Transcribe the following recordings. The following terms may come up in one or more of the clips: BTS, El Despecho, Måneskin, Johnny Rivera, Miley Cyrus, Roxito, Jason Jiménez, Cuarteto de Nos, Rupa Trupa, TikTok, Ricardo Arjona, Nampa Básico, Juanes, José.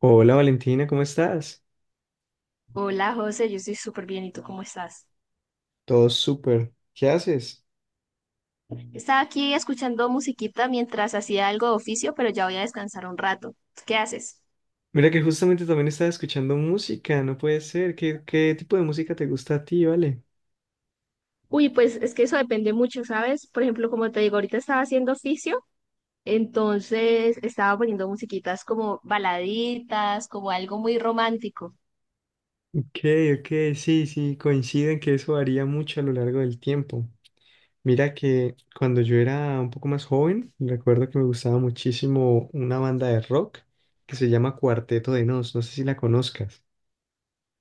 Hola Valentina, ¿cómo estás? Hola José, yo estoy súper bien. ¿Y tú cómo estás? Todo súper. ¿Qué haces? Estaba aquí escuchando musiquita mientras hacía algo de oficio, pero ya voy a descansar un rato. ¿Qué haces? Mira que justamente también estaba escuchando música, no puede ser. ¿Qué tipo de música te gusta a ti, vale? Uy, pues es que eso depende mucho, ¿sabes? Por ejemplo, como te digo, ahorita estaba haciendo oficio, entonces estaba poniendo musiquitas como baladitas, como algo muy romántico. Ok, ok, sí, sí, coinciden que eso varía mucho a lo largo del tiempo. Mira que cuando yo era un poco más joven, recuerdo que me gustaba muchísimo una banda de rock que se llama Cuarteto de Nos, no sé si la conozcas.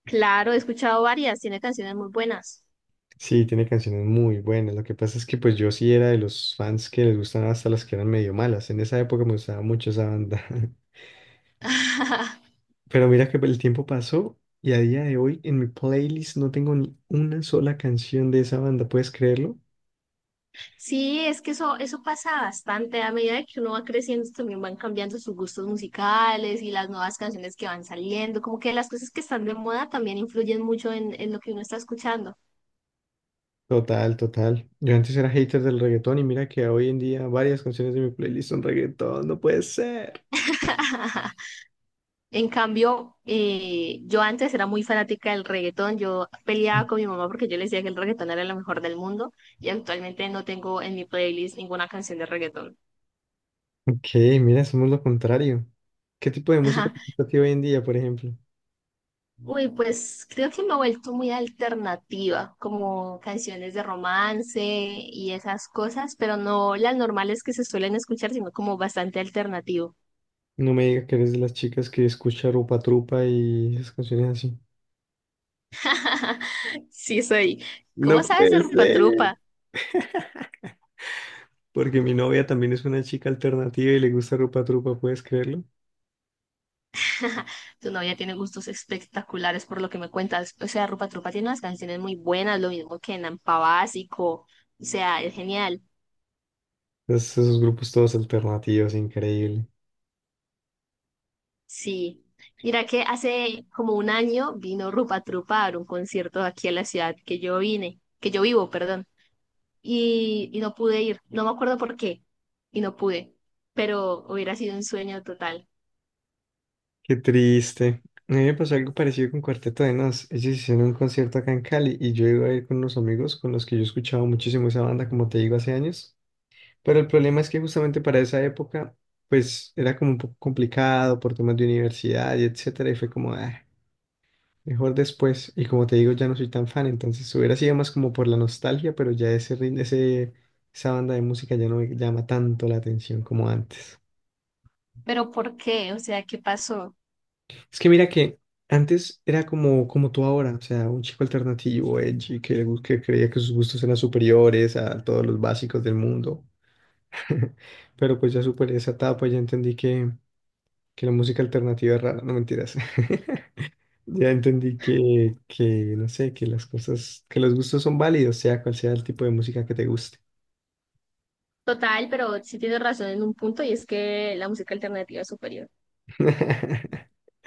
Claro, he escuchado varias, tiene canciones muy buenas. Sí, tiene canciones muy buenas. Lo que pasa es que pues yo sí era de los fans que les gustaban hasta las que eran medio malas. En esa época me gustaba mucho esa banda. Pero mira que pues, el tiempo pasó y a día de hoy en mi playlist no tengo ni una sola canción de esa banda. ¿Puedes creerlo? Sí, es que eso pasa bastante. A medida de que uno va creciendo, también van cambiando sus gustos musicales y las nuevas canciones que van saliendo. Como que las cosas que están de moda también influyen mucho en lo que uno está escuchando. Total, total. Yo antes era hater del reggaetón y mira que hoy en día varias canciones de mi playlist son reggaetón. No puede ser. En cambio, yo antes era muy fanática del reggaetón. Yo peleaba con mi mamá porque yo le decía que el reggaetón era lo mejor del mundo y actualmente no tengo en mi playlist ninguna canción de reggaetón. Ok, mira, somos lo contrario. ¿Qué tipo de música te gusta a ti hoy en día, por ejemplo? Uy, pues creo que me he vuelto muy alternativa, como canciones de romance y esas cosas, pero no las normales que se suelen escuchar, sino como bastante alternativo. No me digas que eres de las chicas que escucha Rupa Trupa y esas canciones así. Sí, soy. ¿Cómo No sabes de puede Rupa ser. Trupa? Porque mi novia también es una chica alternativa y le gusta Rupa Trupa, ¿puedes creerlo? Tu novia tiene gustos espectaculares por lo que me cuentas. O sea, Rupa Trupa tiene unas canciones muy buenas, lo mismo que Nampa Básico. O sea, es genial. Esos grupos todos alternativos, increíble. Sí, mira que hace como un año vino Rupa Trupa a dar un concierto aquí a la ciudad que yo vivo, perdón, y no pude ir, no me acuerdo por qué, y no pude, pero hubiera sido un sueño total. Qué triste. A mí me pasó algo parecido con Cuarteto de Nos. Ellos hicieron un concierto acá en Cali y yo iba a ir con unos amigos con los que yo escuchaba muchísimo esa banda, como te digo, hace años. Pero el problema es que justamente para esa época, pues era como un poco complicado por temas de universidad y etcétera, y fue como, "Ah". Mejor después. Y como te digo, ya no soy tan fan, entonces hubiera sido más como por la nostalgia, pero esa banda de música ya no me llama tanto la atención como antes. ¿Pero por qué? O sea, ¿qué pasó? Es que mira que antes era como, como tú ahora, o sea, un chico alternativo, edgy, que creía que sus gustos eran superiores a todos los básicos del mundo. Pero pues ya superé esa etapa, ya entendí que la música alternativa es rara, no mentiras. Ya entendí que, no sé, que las cosas, que los gustos son válidos, sea cual sea el tipo de música que te guste. Total, pero sí tienes razón en un punto y es que la música alternativa es superior.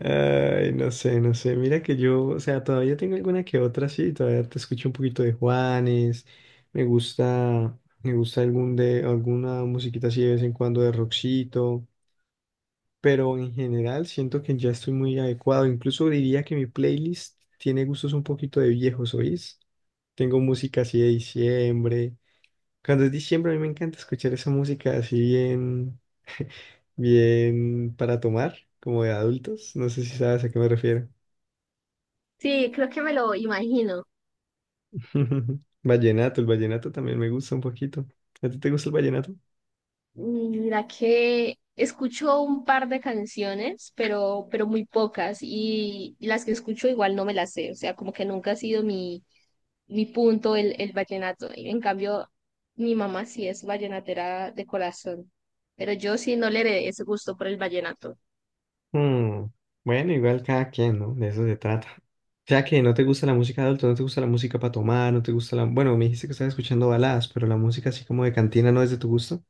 Ay, no sé, no sé. Mira que yo, o sea, todavía tengo alguna que otra, sí, todavía te escucho un poquito de Juanes. Me gusta alguna musiquita así de vez en cuando de Roxito. Pero en general siento que ya estoy muy adecuado. Incluso diría que mi playlist tiene gustos un poquito de viejos, ¿oís? Tengo música así de diciembre. Cuando es diciembre, a mí me encanta escuchar esa música así bien, bien para tomar, como de adultos. No sé si sabes a qué me refiero. Sí, creo que me lo imagino. Vallenato, el vallenato también me gusta un poquito. ¿A ti te gusta el vallenato? Mm, mira que escucho un par de canciones, pero muy pocas, y las que escucho igual no me las sé, o sea, como que nunca ha sido mi punto el vallenato. Y en cambio, mi mamá sí es vallenatera de corazón, pero yo sí no le heredé ese gusto por el vallenato. Mm, Bueno, igual cada quien, ¿no? De eso se trata. O sea que no te gusta la música de adulto, no te gusta la música para tomar, no te gusta la... Bueno, me dijiste que estabas escuchando baladas, pero la música así como de cantina no es de tu gusto.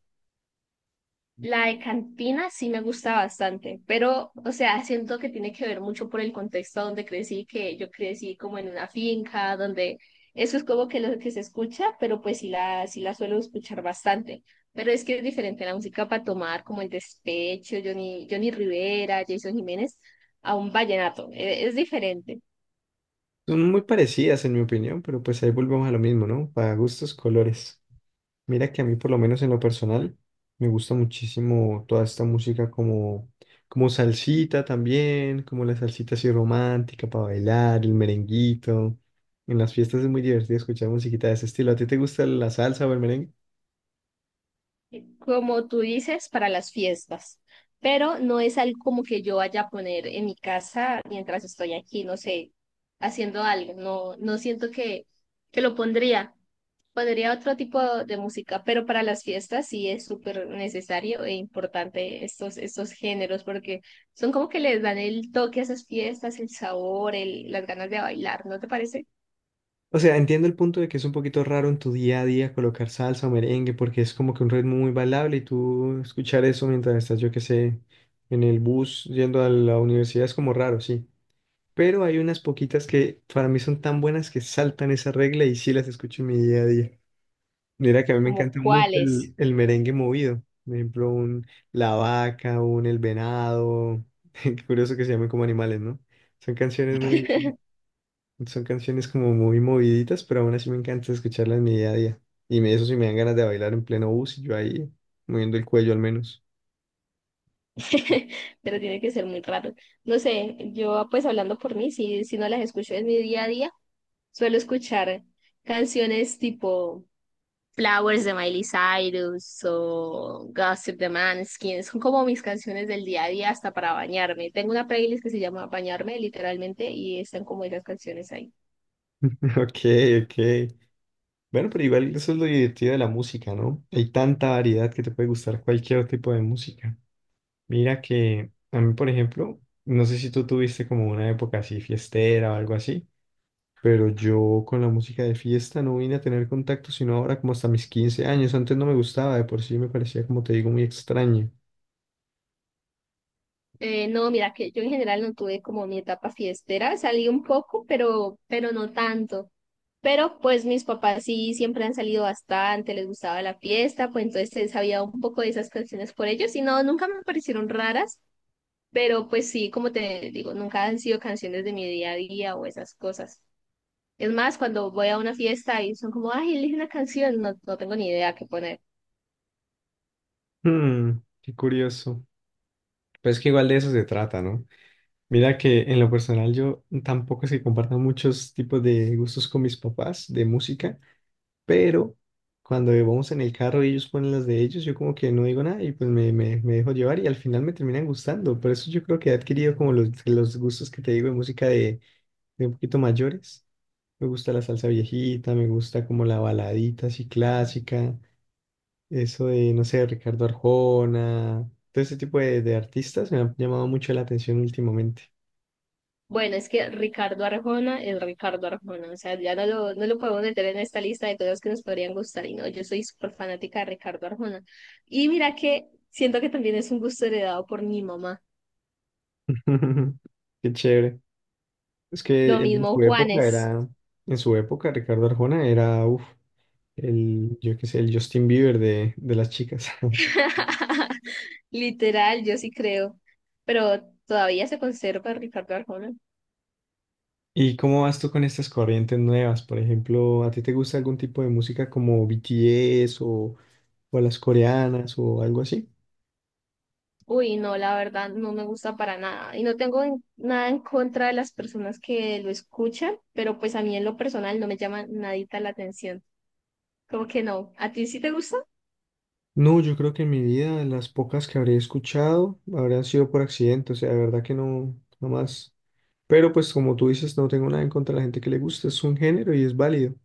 La de cantina sí me gusta bastante, pero, o sea, siento que tiene que ver mucho por el contexto donde crecí, que yo crecí como en una finca, donde eso es como que lo que se escucha, pero pues sí la suelo escuchar bastante. Pero es que es diferente la música para tomar, como El Despecho, Johnny Rivera, Jason Jiménez, a un vallenato. Es diferente. Son muy parecidas en mi opinión, pero pues ahí volvemos a lo mismo, ¿no? Para gustos, colores. Mira que a mí, por lo menos en lo personal, me gusta muchísimo toda esta música como, como salsita también, como la salsita así romántica para bailar, el merenguito. En las fiestas es muy divertido escuchar musiquita de ese estilo. ¿A ti te gusta la salsa o el merengue? Como tú dices, para las fiestas, pero no es algo como que yo vaya a poner en mi casa mientras estoy aquí, no sé, haciendo algo, no, no siento que lo pondría. Pondría otro tipo de música, pero para las fiestas sí es súper necesario e importante estos géneros porque son como que les dan el toque a esas fiestas, el sabor, el, las ganas de bailar, ¿no te parece? O sea, entiendo el punto de que es un poquito raro en tu día a día colocar salsa o merengue porque es como que un ritmo muy bailable y tú escuchar eso mientras estás, yo qué sé, en el bus yendo a la universidad es como raro, sí. Pero hay unas poquitas que para mí son tan buenas que saltan esa regla y sí las escucho en mi día a día. Mira que a mí me ¿Como encanta mucho cuáles? el merengue movido, por ejemplo, un La Vaca, un El Venado, qué curioso que se llamen como animales, ¿no? Son canciones muy, Son canciones como muy moviditas, pero aún así me encanta escucharlas en mi día a día. Y me, eso sí me dan ganas de bailar en pleno bus y yo ahí moviendo el cuello al menos. Pero tiene que ser muy raro. No sé, yo pues hablando por mí, si no las escucho en mi día a día, suelo escuchar canciones tipo Flowers de Miley Cyrus o Gossip de Manskin, son como mis canciones del día a día hasta para bañarme. Tengo una playlist que se llama Bañarme literalmente y están como esas canciones ahí. Ok, ok. Bueno, pero igual eso es lo divertido de la música, ¿no? Hay tanta variedad que te puede gustar cualquier tipo de música. Mira que a mí, por ejemplo, no sé si tú tuviste como una época así fiestera o algo así, pero yo con la música de fiesta no vine a tener contacto sino ahora como hasta mis 15 años. Antes no me gustaba, de por sí me parecía, como te digo, muy extraño. No, mira que yo en general no tuve como mi etapa fiestera, salí un poco, pero no tanto. Pero pues mis papás sí siempre han salido bastante, les gustaba la fiesta, pues entonces se sabía un poco de esas canciones por ellos y no, nunca me parecieron raras, pero pues sí, como te digo, nunca han sido canciones de mi día a día o esas cosas. Es más, cuando voy a una fiesta y son como, ay, elige una canción, no, no tengo ni idea qué poner. Hmm, qué curioso. Pues que igual de eso se trata, ¿no? Mira que en lo personal yo tampoco es que comparta muchos tipos de gustos con mis papás de música. Pero cuando vamos en el carro y ellos ponen las de ellos, yo como que no digo nada y pues me dejo llevar y al final me terminan gustando. Por eso yo creo que he adquirido como los gustos que te digo de música de un poquito mayores. Me gusta la salsa viejita, me gusta como la baladita así clásica, eso de, no sé, Ricardo Arjona, todo ese tipo de artistas me han llamado mucho la atención últimamente. Bueno, es que Ricardo Arjona es Ricardo Arjona, o sea, no lo podemos meter en esta lista de cosas que nos podrían gustar y no, yo soy súper fanática de Ricardo Arjona. Y mira que siento que también es un gusto heredado por mi mamá. Qué chévere. Es Lo que en su mismo época Juanes. era, en su época Ricardo Arjona era, uff, el, yo qué sé, el Justin Bieber de las chicas. Literal, yo sí creo, pero todavía se conserva Ricardo Arjona. ¿Y cómo vas tú con estas corrientes nuevas? Por ejemplo, ¿a ti te gusta algún tipo de música como BTS o las coreanas o algo así? Uy, no, la verdad no me gusta para nada. Y no tengo nada en contra de las personas que lo escuchan, pero pues a mí en lo personal no me llama nadita la atención. Como que no. ¿A ti sí te gusta? No, yo creo que en mi vida las pocas que habré escuchado habrán sido por accidente, o sea, de verdad que no, no más. Pero pues como tú dices, no tengo nada en contra de la gente que le gusta, es un género y es válido.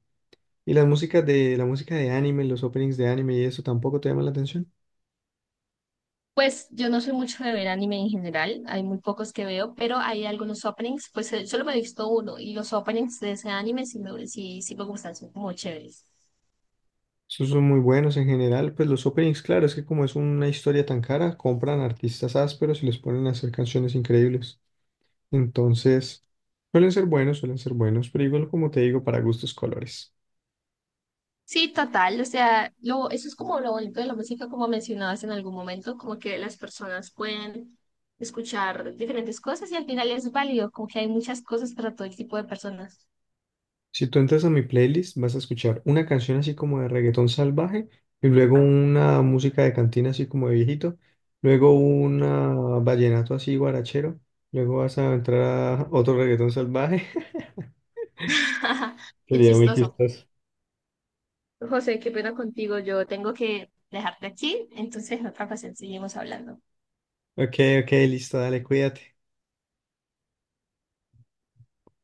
¿Y las músicas de la música de anime, los openings de anime y eso tampoco te llaman la atención? Pues yo no soy mucho de ver anime en general, hay muy pocos que veo, pero hay algunos openings, pues solo me he visto uno y los openings de ese anime sí me, sí me gustan, son como chéveres. Esos son muy buenos en general. Pues los openings, claro, es que como es una historia tan cara, compran artistas ásperos y les ponen a hacer canciones increíbles. Entonces, suelen ser buenos, pero igual como te digo, para gustos colores. Sí, total, o sea, lo, eso es como lo bonito de la música, como mencionabas en algún momento, como que las personas pueden escuchar diferentes cosas y al final es válido, como que hay muchas cosas para todo el tipo de personas. Si tú entras a mi playlist, vas a escuchar una canción así como de reggaetón salvaje y luego una música de cantina así como de viejito, luego una vallenato así guarachero, luego vas a entrar a otro reggaetón salvaje. Qué Sería muy chistoso. chistoso. José, qué pena contigo, yo tengo que dejarte aquí, entonces en otra ocasión seguimos hablando. Ok, ok, listo, dale, cuídate.